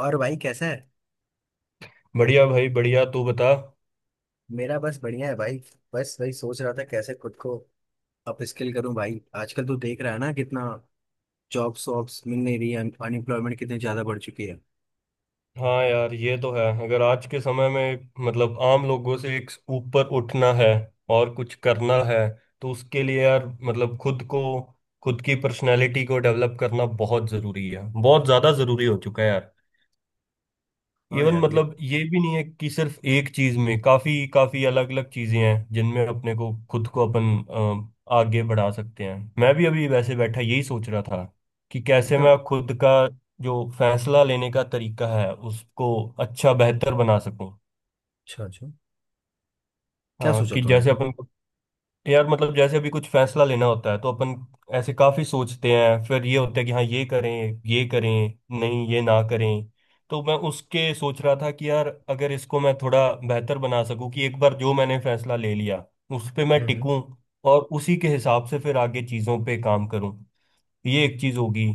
और भाई कैसा है। बढ़िया भाई बढ़िया। तू बता। मेरा बस बढ़िया है भाई। बस वही सोच रहा था कैसे खुद को अपस्किल करूं भाई। आजकल तो देख रहा है ना कितना जॉब्स वॉब्स मिल नहीं रही है। अनएम्प्लॉयमेंट कितनी ज्यादा बढ़ चुकी है। हाँ यार, ये तो है। अगर आज के समय में, मतलब आम लोगों से एक ऊपर उठना है और कुछ करना है, तो उसके लिए यार मतलब खुद को, खुद की पर्सनैलिटी को डेवलप करना बहुत ज़रूरी है। बहुत ज़्यादा ज़रूरी हो चुका है यार। हाँ इवन यार ये। मतलब ये भी नहीं है कि सिर्फ एक चीज में। काफी काफी अलग अलग चीजें हैं जिनमें अपने को, खुद को, अपन आगे बढ़ा सकते हैं। मैं भी अभी वैसे बैठा यही सोच रहा था कि कैसे अच्छा मैं खुद का जो फैसला लेने का तरीका है उसको अच्छा, बेहतर बना सकूं। अच्छा अच्छा। क्या हाँ, सोचा कि तूने जैसे फिर? अपन, यार मतलब जैसे अभी कुछ फैसला लेना होता है तो अपन ऐसे काफी सोचते हैं। फिर ये होता है कि हाँ ये करें, ये करें, नहीं ये ना करें। तो मैं उसके सोच रहा था कि यार अगर इसको मैं थोड़ा बेहतर बना सकूं कि एक बार जो मैंने फैसला ले लिया उस पे मैं हम्म हम्म। टिकूं और उसी के हिसाब से फिर आगे चीजों पे काम करूं। ये एक चीज होगी।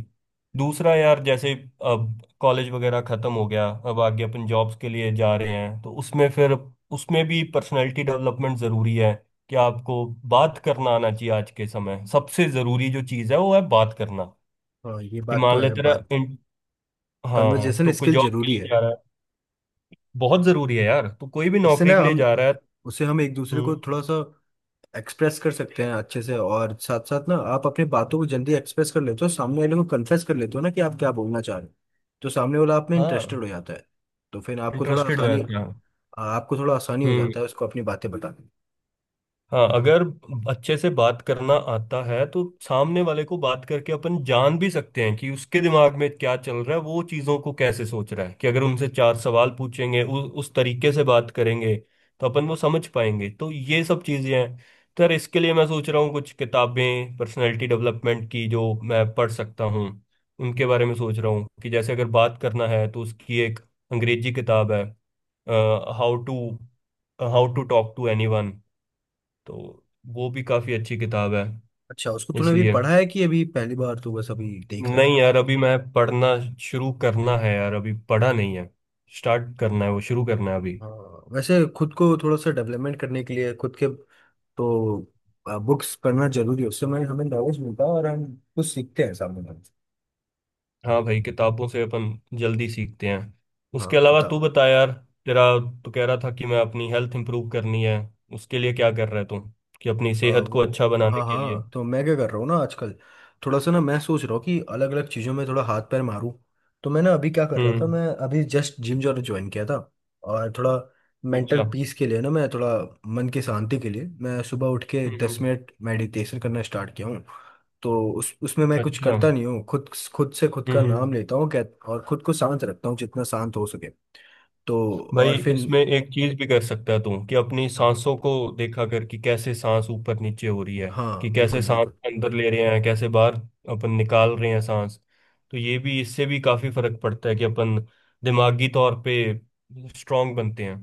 दूसरा यार, जैसे अब कॉलेज वगैरह खत्म हो गया, अब आगे अपन जॉब्स के लिए जा रहे हैं, तो उसमें फिर उसमें भी पर्सनालिटी डेवलपमेंट जरूरी है। कि आपको बात करना आना चाहिए। आज के समय सबसे जरूरी जो चीज है वो है बात करना। हाँ ये कि बात तो मान ले है। तेरा बात हाँ, कन्वर्जेशन तो कोई स्किल जॉब के जरूरी लिए है। जा रहा है। बहुत जरूरी है यार। तो कोई भी इससे नौकरी ना के लिए हम जा रहा है। उसे हम एक दूसरे को हम्म। थोड़ा सा एक्सप्रेस कर सकते हैं अच्छे से, और साथ साथ ना आप अपनी बातों को जल्दी एक्सप्रेस कर लेते हो, सामने वाले को कन्फेस कर लेते हो ना कि आप क्या बोलना चाह रहे हो। तो सामने वाला आप में हाँ, इंटरेस्टेड हो जाता है। तो फिर इंटरेस्टेड हो जाते आपको थोड़ा आसानी हो हैं। जाता है उसको अपनी बातें बताने में। हाँ, अगर अच्छे से बात करना आता है तो सामने वाले को बात करके अपन जान भी सकते हैं कि उसके दिमाग में क्या चल रहा है, वो चीज़ों को कैसे सोच रहा है। कि अगर उनसे चार सवाल पूछेंगे, उस तरीके से बात करेंगे, तो अपन वो समझ पाएंगे। तो ये सब चीज़ें हैं। तो यार, इसके लिए मैं सोच रहा हूँ कुछ किताबें पर्सनैलिटी डेवलपमेंट की जो मैं पढ़ सकता हूँ, उनके बारे में सोच रहा हूँ। कि जैसे अगर बात करना है तो उसकी एक अंग्रेजी किताब है, how to how to talk to anyone. तो वो भी काफी अच्छी किताब है। अच्छा, उसको तूने अभी इसलिए, पढ़ा है कि अभी पहली बार तू बस अभी देख रहा है? नहीं यार, अभी मैं पढ़ना शुरू करना है यार, अभी पढ़ा नहीं है। स्टार्ट करना है, वो शुरू करना है अभी। हाँ, वैसे खुद को थोड़ा सा डेवलपमेंट करने के लिए खुद के तो बुक्स पढ़ना जरूरी है। उससे हमें हमें नॉलेज मिलता है और हम कुछ सीखते हैं सामने वाले से। हाँ भाई, किताबों से अपन जल्दी सीखते हैं। हाँ, उसके अलावा तू किताब। बता यार, तेरा, तू कह रहा था कि मैं अपनी हेल्थ इंप्रूव करनी है, उसके लिए क्या कर रहा है तू, कि अपनी सेहत को वो, अच्छा बनाने हाँ के लिए। हाँ, तो मैं क्या कर रहा हूँ ना आजकल। थोड़ा सा ना मैं सोच रहा हूँ कि अलग अलग चीज़ों में थोड़ा हाथ पैर मारूँ। तो मैं ना अभी क्या कर रहा था, हम्म। मैं अभी जस्ट जिम जाना ज्वाइन किया था। और थोड़ा मेंटल अच्छा, हम्म। पीस के लिए ना मैं थोड़ा, मन की शांति के लिए मैं सुबह उठ के दस हम्म, मिनट मेडिटेशन करना स्टार्ट किया हूँ। तो उस उसमें मैं कुछ अच्छा, करता हम्म। नहीं हूँ खुद। खुद से खुद का नाम हम्म, लेता हूँ क्या, और खुद को शांत रखता हूँ जितना शांत हो सके। तो भाई और फिर इसमें एक चीज भी कर सकता है तू, कि अपनी हाँ। सांसों को देखा कर कि कैसे सांस ऊपर नीचे हो रही है, हाँ कि बिल्कुल कैसे सांस बिल्कुल। अंदर ले रहे हैं, कैसे बाहर अपन निकाल रहे हैं सांस। तो ये भी, इससे भी काफी फर्क पड़ता है कि अपन दिमागी तौर पे स्ट्रांग बनते हैं।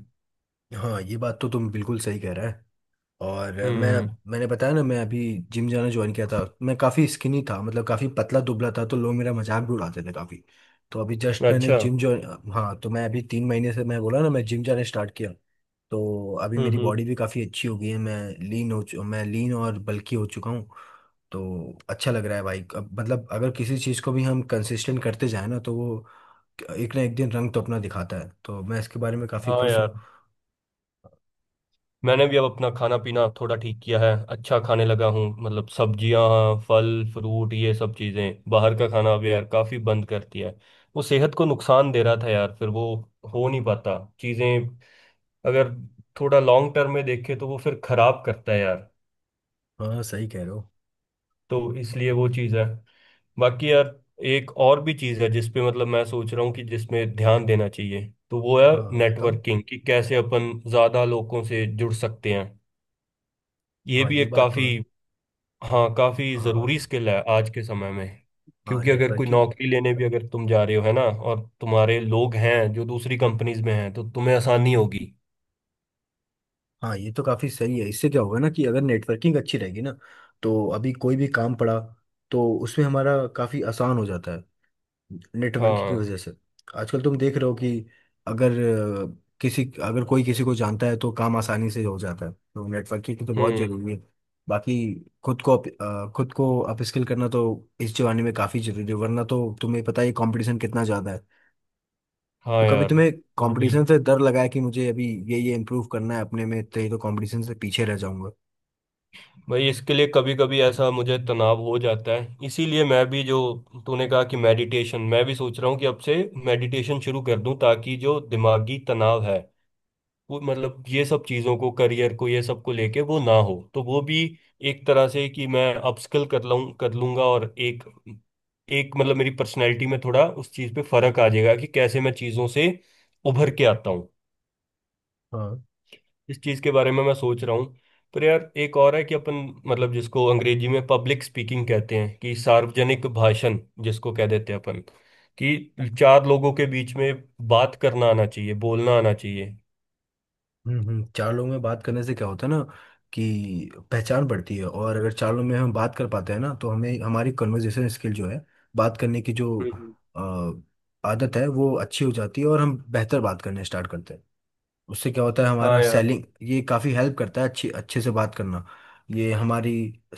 हाँ ये बात तो तुम बिल्कुल सही कह रहा है। और मैं, हम्म। मैंने बताया ना मैं अभी जिम जाना ज्वाइन किया था। मैं काफ़ी स्किनी था, मतलब काफ़ी पतला दुबला था तो लोग मेरा मजाक भी उड़ाते थे काफ़ी। तो अभी जस्ट मैंने अच्छा, जिम ज्वाइन, हाँ, तो मैं अभी 3 महीने से मैं बोला ना मैं जिम जाना स्टार्ट किया। तो अभी हम्म। मेरी हम्म। बॉडी भी काफ़ी अच्छी हो गई है। मैं लीन हो चु मैं लीन और बल्की हो चुका हूँ। तो अच्छा लग रहा है भाई। अब मतलब अगर किसी चीज़ को भी हम कंसिस्टेंट करते जाए ना तो वो एक ना एक दिन रंग तो अपना दिखाता है। तो मैं इसके बारे में काफ़ी हाँ खुश हूँ। यार। मैंने भी अब अपना खाना पीना थोड़ा ठीक किया है। अच्छा खाने लगा हूँ, मतलब सब्जियाँ, फल, फ्रूट, ये सब चीज़ें। बाहर का खाना अब यार काफ़ी बंद कर दिया है। वो सेहत को नुकसान दे रहा था यार। फिर वो हो नहीं पाता चीज़ें, अगर थोड़ा लॉन्ग टर्म में देखे तो वो फिर खराब करता है यार। हाँ सही कह रहे हो। तो इसलिए वो चीज़ है। बाकी यार, एक और भी चीज़ है जिसपे मतलब मैं सोच रहा हूँ कि जिसमें ध्यान देना चाहिए। तो वो है हाँ बताओ। नेटवर्किंग। कि कैसे अपन ज़्यादा लोगों से जुड़ सकते हैं। ये हाँ भी ये एक बात काफ़ी, तो है। हाँ काफी हाँ, जरूरी स्किल है आज के समय में। हाँ क्योंकि अगर कोई नेटवर्किंग। नौकरी लेने भी अगर तुम जा रहे हो है ना, और तुम्हारे लोग हैं जो दूसरी कंपनीज में हैं, तो तुम्हें आसानी होगी। हाँ ये तो काफ़ी सही है, इससे क्या होगा ना कि अगर नेटवर्किंग अच्छी रहेगी ना, तो अभी कोई भी काम पड़ा तो उसमें हमारा काफ़ी आसान हो जाता है नेटवर्किंग की हाँ। वजह से। आजकल तुम देख रहे हो कि अगर अ, अगर कोई किसी को जानता है तो काम आसानी से हो जाता है, तो नेटवर्किंग तो बहुत हम्म। ज़रूरी है। बाकी खुद को अपस्किल करना तो इस जमाने में काफ़ी ज़रूरी है, वरना तो तुम्हें पता ही कंपटीशन कितना ज़्यादा है। हाँ तो कभी यार, तुम्हें वही। कंपटीशन से डर लगा है कि मुझे अभी ये इम्प्रूव करना है अपने में, तो ये तो कंपटीशन से पीछे रह जाऊंगा। भाई, इसके लिए कभी कभी ऐसा मुझे तनाव हो जाता है। इसीलिए मैं भी, जो तूने कहा कि मेडिटेशन, मैं भी सोच रहा हूँ कि अब से मेडिटेशन शुरू कर दूं, ताकि जो दिमागी तनाव है वो, मतलब ये सब चीज़ों को, करियर को, ये सब को लेके वो ना हो। तो वो भी एक तरह से कि मैं अपस्किल कर लूँ, कर लूंगा। और एक एक मतलब मेरी पर्सनैलिटी में थोड़ा उस चीज़ पे फर्क आ जाएगा कि कैसे मैं चीज़ों से उभर के आता हूँ। हाँ, इस चीज़ के बारे में मैं सोच रहा हूँ। पर यार एक और है कि अपन, मतलब जिसको अंग्रेजी में पब्लिक स्पीकिंग कहते हैं कि सार्वजनिक भाषण, जिसको कह देते हैं अपन, कि चार लोगों के बीच में बात करना आना चाहिए, बोलना आना चाहिए। हम्म। चार लोगों में बात करने से क्या होता है ना कि पहचान बढ़ती है, और अगर चार लोगों में हम बात कर पाते हैं ना तो हमें हमारी कन्वर्जेशन स्किल जो है, बात करने की जो हम्म। आदत है वो अच्छी हो जाती है, और हम बेहतर बात करने स्टार्ट करते हैं। उससे क्या होता है, हाँ हमारा यार। सेलिंग ये काफ़ी हेल्प करता है। अच्छी अच्छे से बात करना ये हमारी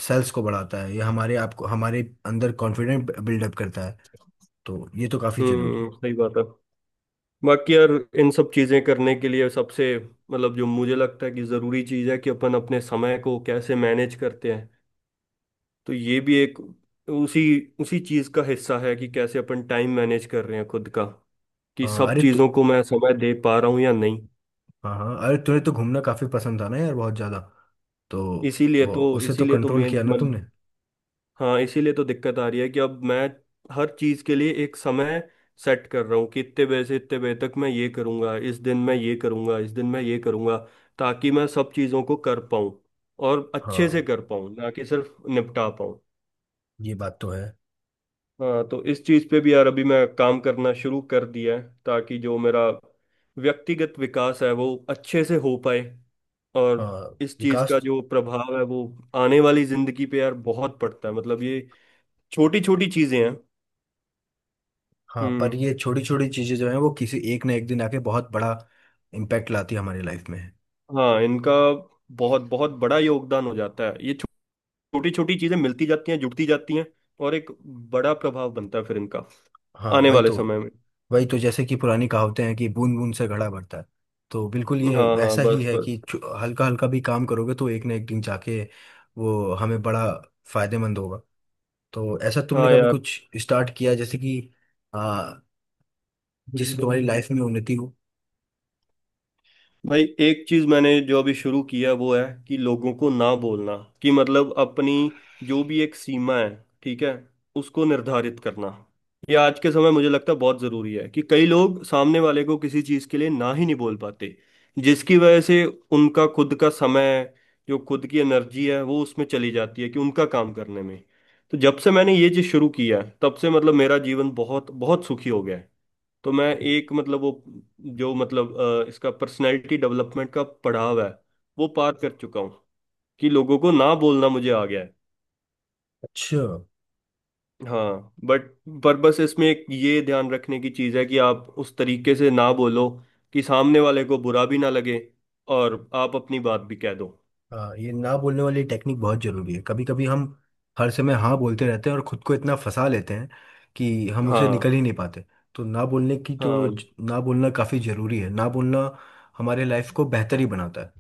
सेल्स को बढ़ाता है, ये हमारे आप को हमारे अंदर कॉन्फिडेंट बिल्डअप करता है। तो ये तो काफी जरूरी हम्म, है। सही बात है। बाकी यार, इन सब चीजें करने के लिए सबसे, मतलब जो मुझे लगता है कि जरूरी चीज है कि अपन अपने समय को कैसे मैनेज करते हैं। तो ये भी एक उसी उसी चीज का हिस्सा है कि कैसे अपन टाइम मैनेज कर रहे हैं खुद का। कि सब अरे तो, चीजों को मैं समय दे पा रहा हूँ या नहीं। हाँ हाँ, अरे तुम्हें तो घूमना काफी पसंद था ना यार, बहुत ज्यादा। तो वो, उसे तो इसीलिए तो कंट्रोल मैं किया ना तुमने। मतलब, हाँ इसीलिए तो दिक्कत आ रही है कि अब मैं हर चीज के लिए एक समय सेट कर रहा हूँ कि इतने बजे से इतने बजे तक मैं ये करूंगा, इस दिन मैं ये करूंगा, इस दिन मैं ये करूंगा, ताकि मैं सब चीजों को कर पाऊँ और अच्छे से हाँ कर पाऊँ, ना कि सिर्फ निपटा पाऊँ। ये बात तो है। हाँ। तो इस चीज पे भी यार अभी मैं काम करना शुरू कर दिया है ताकि जो मेरा व्यक्तिगत विकास है वो अच्छे से हो पाए। और हाँ। इस चीज विकास का तो, जो प्रभाव है वो आने वाली जिंदगी पे यार बहुत पड़ता है। मतलब ये छोटी छोटी चीजें हैं। हाँ पर हम्म। ये छोटी छोटी चीजें जो हैं वो किसी एक ना एक दिन आके बहुत बड़ा इम्पैक्ट लाती है हमारी लाइफ में। हाँ, इनका बहुत बहुत बड़ा योगदान हो जाता है। ये छोटी छोटी चीजें मिलती जाती हैं, जुड़ती जाती हैं, और एक बड़ा प्रभाव बनता है फिर इनका हाँ आने वही वाले तो। समय में। वही तो, जैसे कि पुरानी कहावतें हैं कि बूंद बूंद से घड़ा भरता है। तो बिल्कुल ये हाँ हाँ, वैसा ही बस है कि बस। हल्का हल्का भी काम करोगे तो एक ना एक दिन जाके वो हमें बड़ा फायदेमंद होगा। तो ऐसा तुमने हाँ कभी यार। कुछ स्टार्ट किया जैसे कि आ, जिससे तुम्हारी लाइफ में उन्नति हो? भाई एक चीज मैंने जो अभी शुरू किया वो है कि लोगों को ना बोलना। कि मतलब अपनी जो भी एक सीमा है, ठीक है, उसको निर्धारित करना। ये आज के समय मुझे लगता है बहुत जरूरी है कि कई लोग सामने वाले को किसी चीज के लिए ना ही नहीं बोल पाते, जिसकी वजह से उनका खुद का समय, जो खुद की एनर्जी है वो उसमें चली जाती है, कि उनका काम करने में। तो जब से मैंने ये चीज शुरू किया है तब से मतलब मेरा जीवन बहुत बहुत सुखी हो गया है। तो मैं एक मतलब वो, जो मतलब इसका पर्सनैलिटी डेवलपमेंट का पड़ाव है वो पार कर चुका हूँ। कि लोगों को ना बोलना मुझे आ गया है। अच्छा। हाँ बट, पर बस इसमें एक ये ध्यान रखने की चीज़ है कि आप उस तरीके से ना बोलो कि सामने वाले को बुरा भी ना लगे और आप अपनी बात भी कह दो। ये ना बोलने वाली टेक्निक बहुत जरूरी है। कभी कभी हम हर समय हाँ बोलते रहते हैं और खुद को इतना फंसा लेते हैं कि हम उसे हाँ निकल ही नहीं पाते। तो ना बोलने की तो हाँ, ना बोलना काफी जरूरी है। ना बोलना हमारे लाइफ को बेहतर ही बनाता है।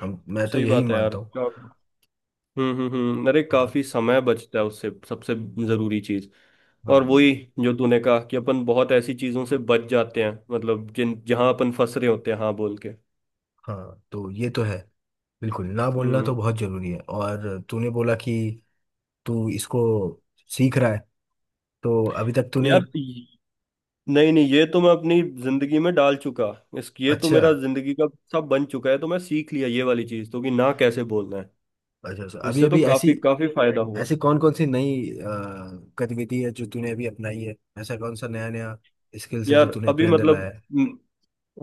हम, मैं तो सही यही बात है यार। मानता हूँ। हाँ, हम्म। अरे हाँ, काफी समय बचता है उससे, सबसे जरूरी चीज। हाँ, और वही जो तूने कहा कि अपन बहुत ऐसी चीजों से बच जाते हैं, मतलब जिन, जहां अपन फंस रहे होते हैं हाँ बोल के। हाँ, तो ये तो है। बिल्कुल ना बोलना तो हम्म। बहुत जरूरी है। और तूने बोला कि तू इसको सीख रहा है, तो अभी तक तूने? यार नहीं नहीं, ये तो मैं अपनी जिंदगी में डाल चुका। इस, ये तो अच्छा। मेरा जिंदगी का सब बन चुका है। तो मैं सीख लिया ये वाली चीज तो, कि ना कैसे बोलना है। अच्छा अच्छा, अभी इससे तो अभी ऐसी, काफी काफी फायदा हुआ। ऐसी कौन कौन सी नई गतिविधि है जो तूने अभी अपनाई है? ऐसा कौन सा नया नया स्किल्स है जो यार तूने अभी अपने अंदर लाया मतलब, है?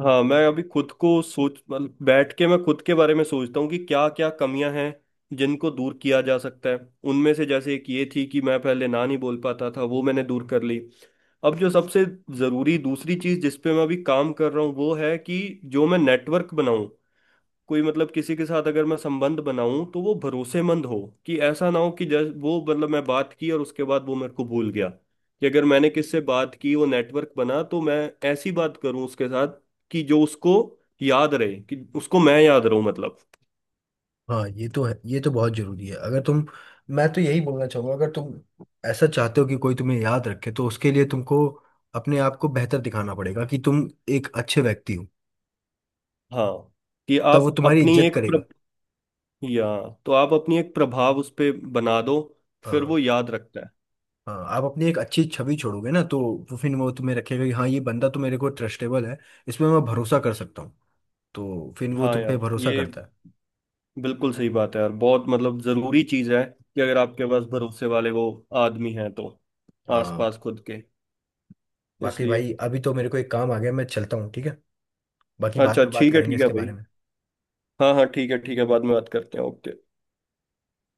हाँ मैं अभी खुद को सोच मतलब, बैठ के मैं खुद के बारे में सोचता हूँ कि क्या क्या कमियां हैं जिनको दूर किया जा सकता है। उनमें से जैसे एक ये थी कि मैं पहले ना नहीं बोल पाता था, वो मैंने दूर कर ली। अब जो सबसे ज़रूरी दूसरी चीज़ जिस पे मैं अभी काम कर रहा हूँ वो है कि जो मैं नेटवर्क बनाऊँ, कोई मतलब किसी के साथ अगर मैं संबंध बनाऊं तो वो भरोसेमंद हो। कि ऐसा ना हो कि जैसे वो मतलब मैं बात की और उसके बाद वो मेरे को भूल गया। कि अगर मैंने किससे बात की वो नेटवर्क बना, तो मैं ऐसी बात करूं उसके साथ कि जो उसको याद रहे, कि उसको मैं याद रहूं, मतलब। हाँ ये तो है, ये तो बहुत जरूरी है। अगर तुम, मैं तो यही बोलना चाहूंगा, अगर तुम ऐसा चाहते हो कि कोई तुम्हें याद रखे तो उसके लिए तुमको अपने आप को बेहतर दिखाना पड़ेगा कि तुम एक अच्छे व्यक्ति हो, हाँ, कि तब वो आप तुम्हारी अपनी इज्जत एक या तो आप अपनी एक प्रभाव उस पे बना दो, फिर करेगा। वो याद रखता है। हाँ, आप अपनी एक अच्छी छवि छोड़ोगे ना तो वो फिर वो तुम्हें रखेगा कि हाँ ये बंदा तो मेरे को ट्रस्टेबल है, इसमें मैं भरोसा कर सकता हूँ, तो फिर वो हाँ तुम पे यार, भरोसा ये करता है। बिल्कुल सही बात है यार। बहुत, मतलब जरूरी चीज है कि अगर आपके पास भरोसे वाले वो आदमी हैं तो हाँ। आसपास खुद के। बाकी इसलिए, भाई, अभी तो मेरे को एक काम आ गया, मैं चलता हूँ ठीक है। बाकी बाद अच्छा में बात करेंगे ठीक है इसके बारे भाई। में। हाँ हाँ, ठीक है ठीक है, बाद में बात करते हैं। ओके।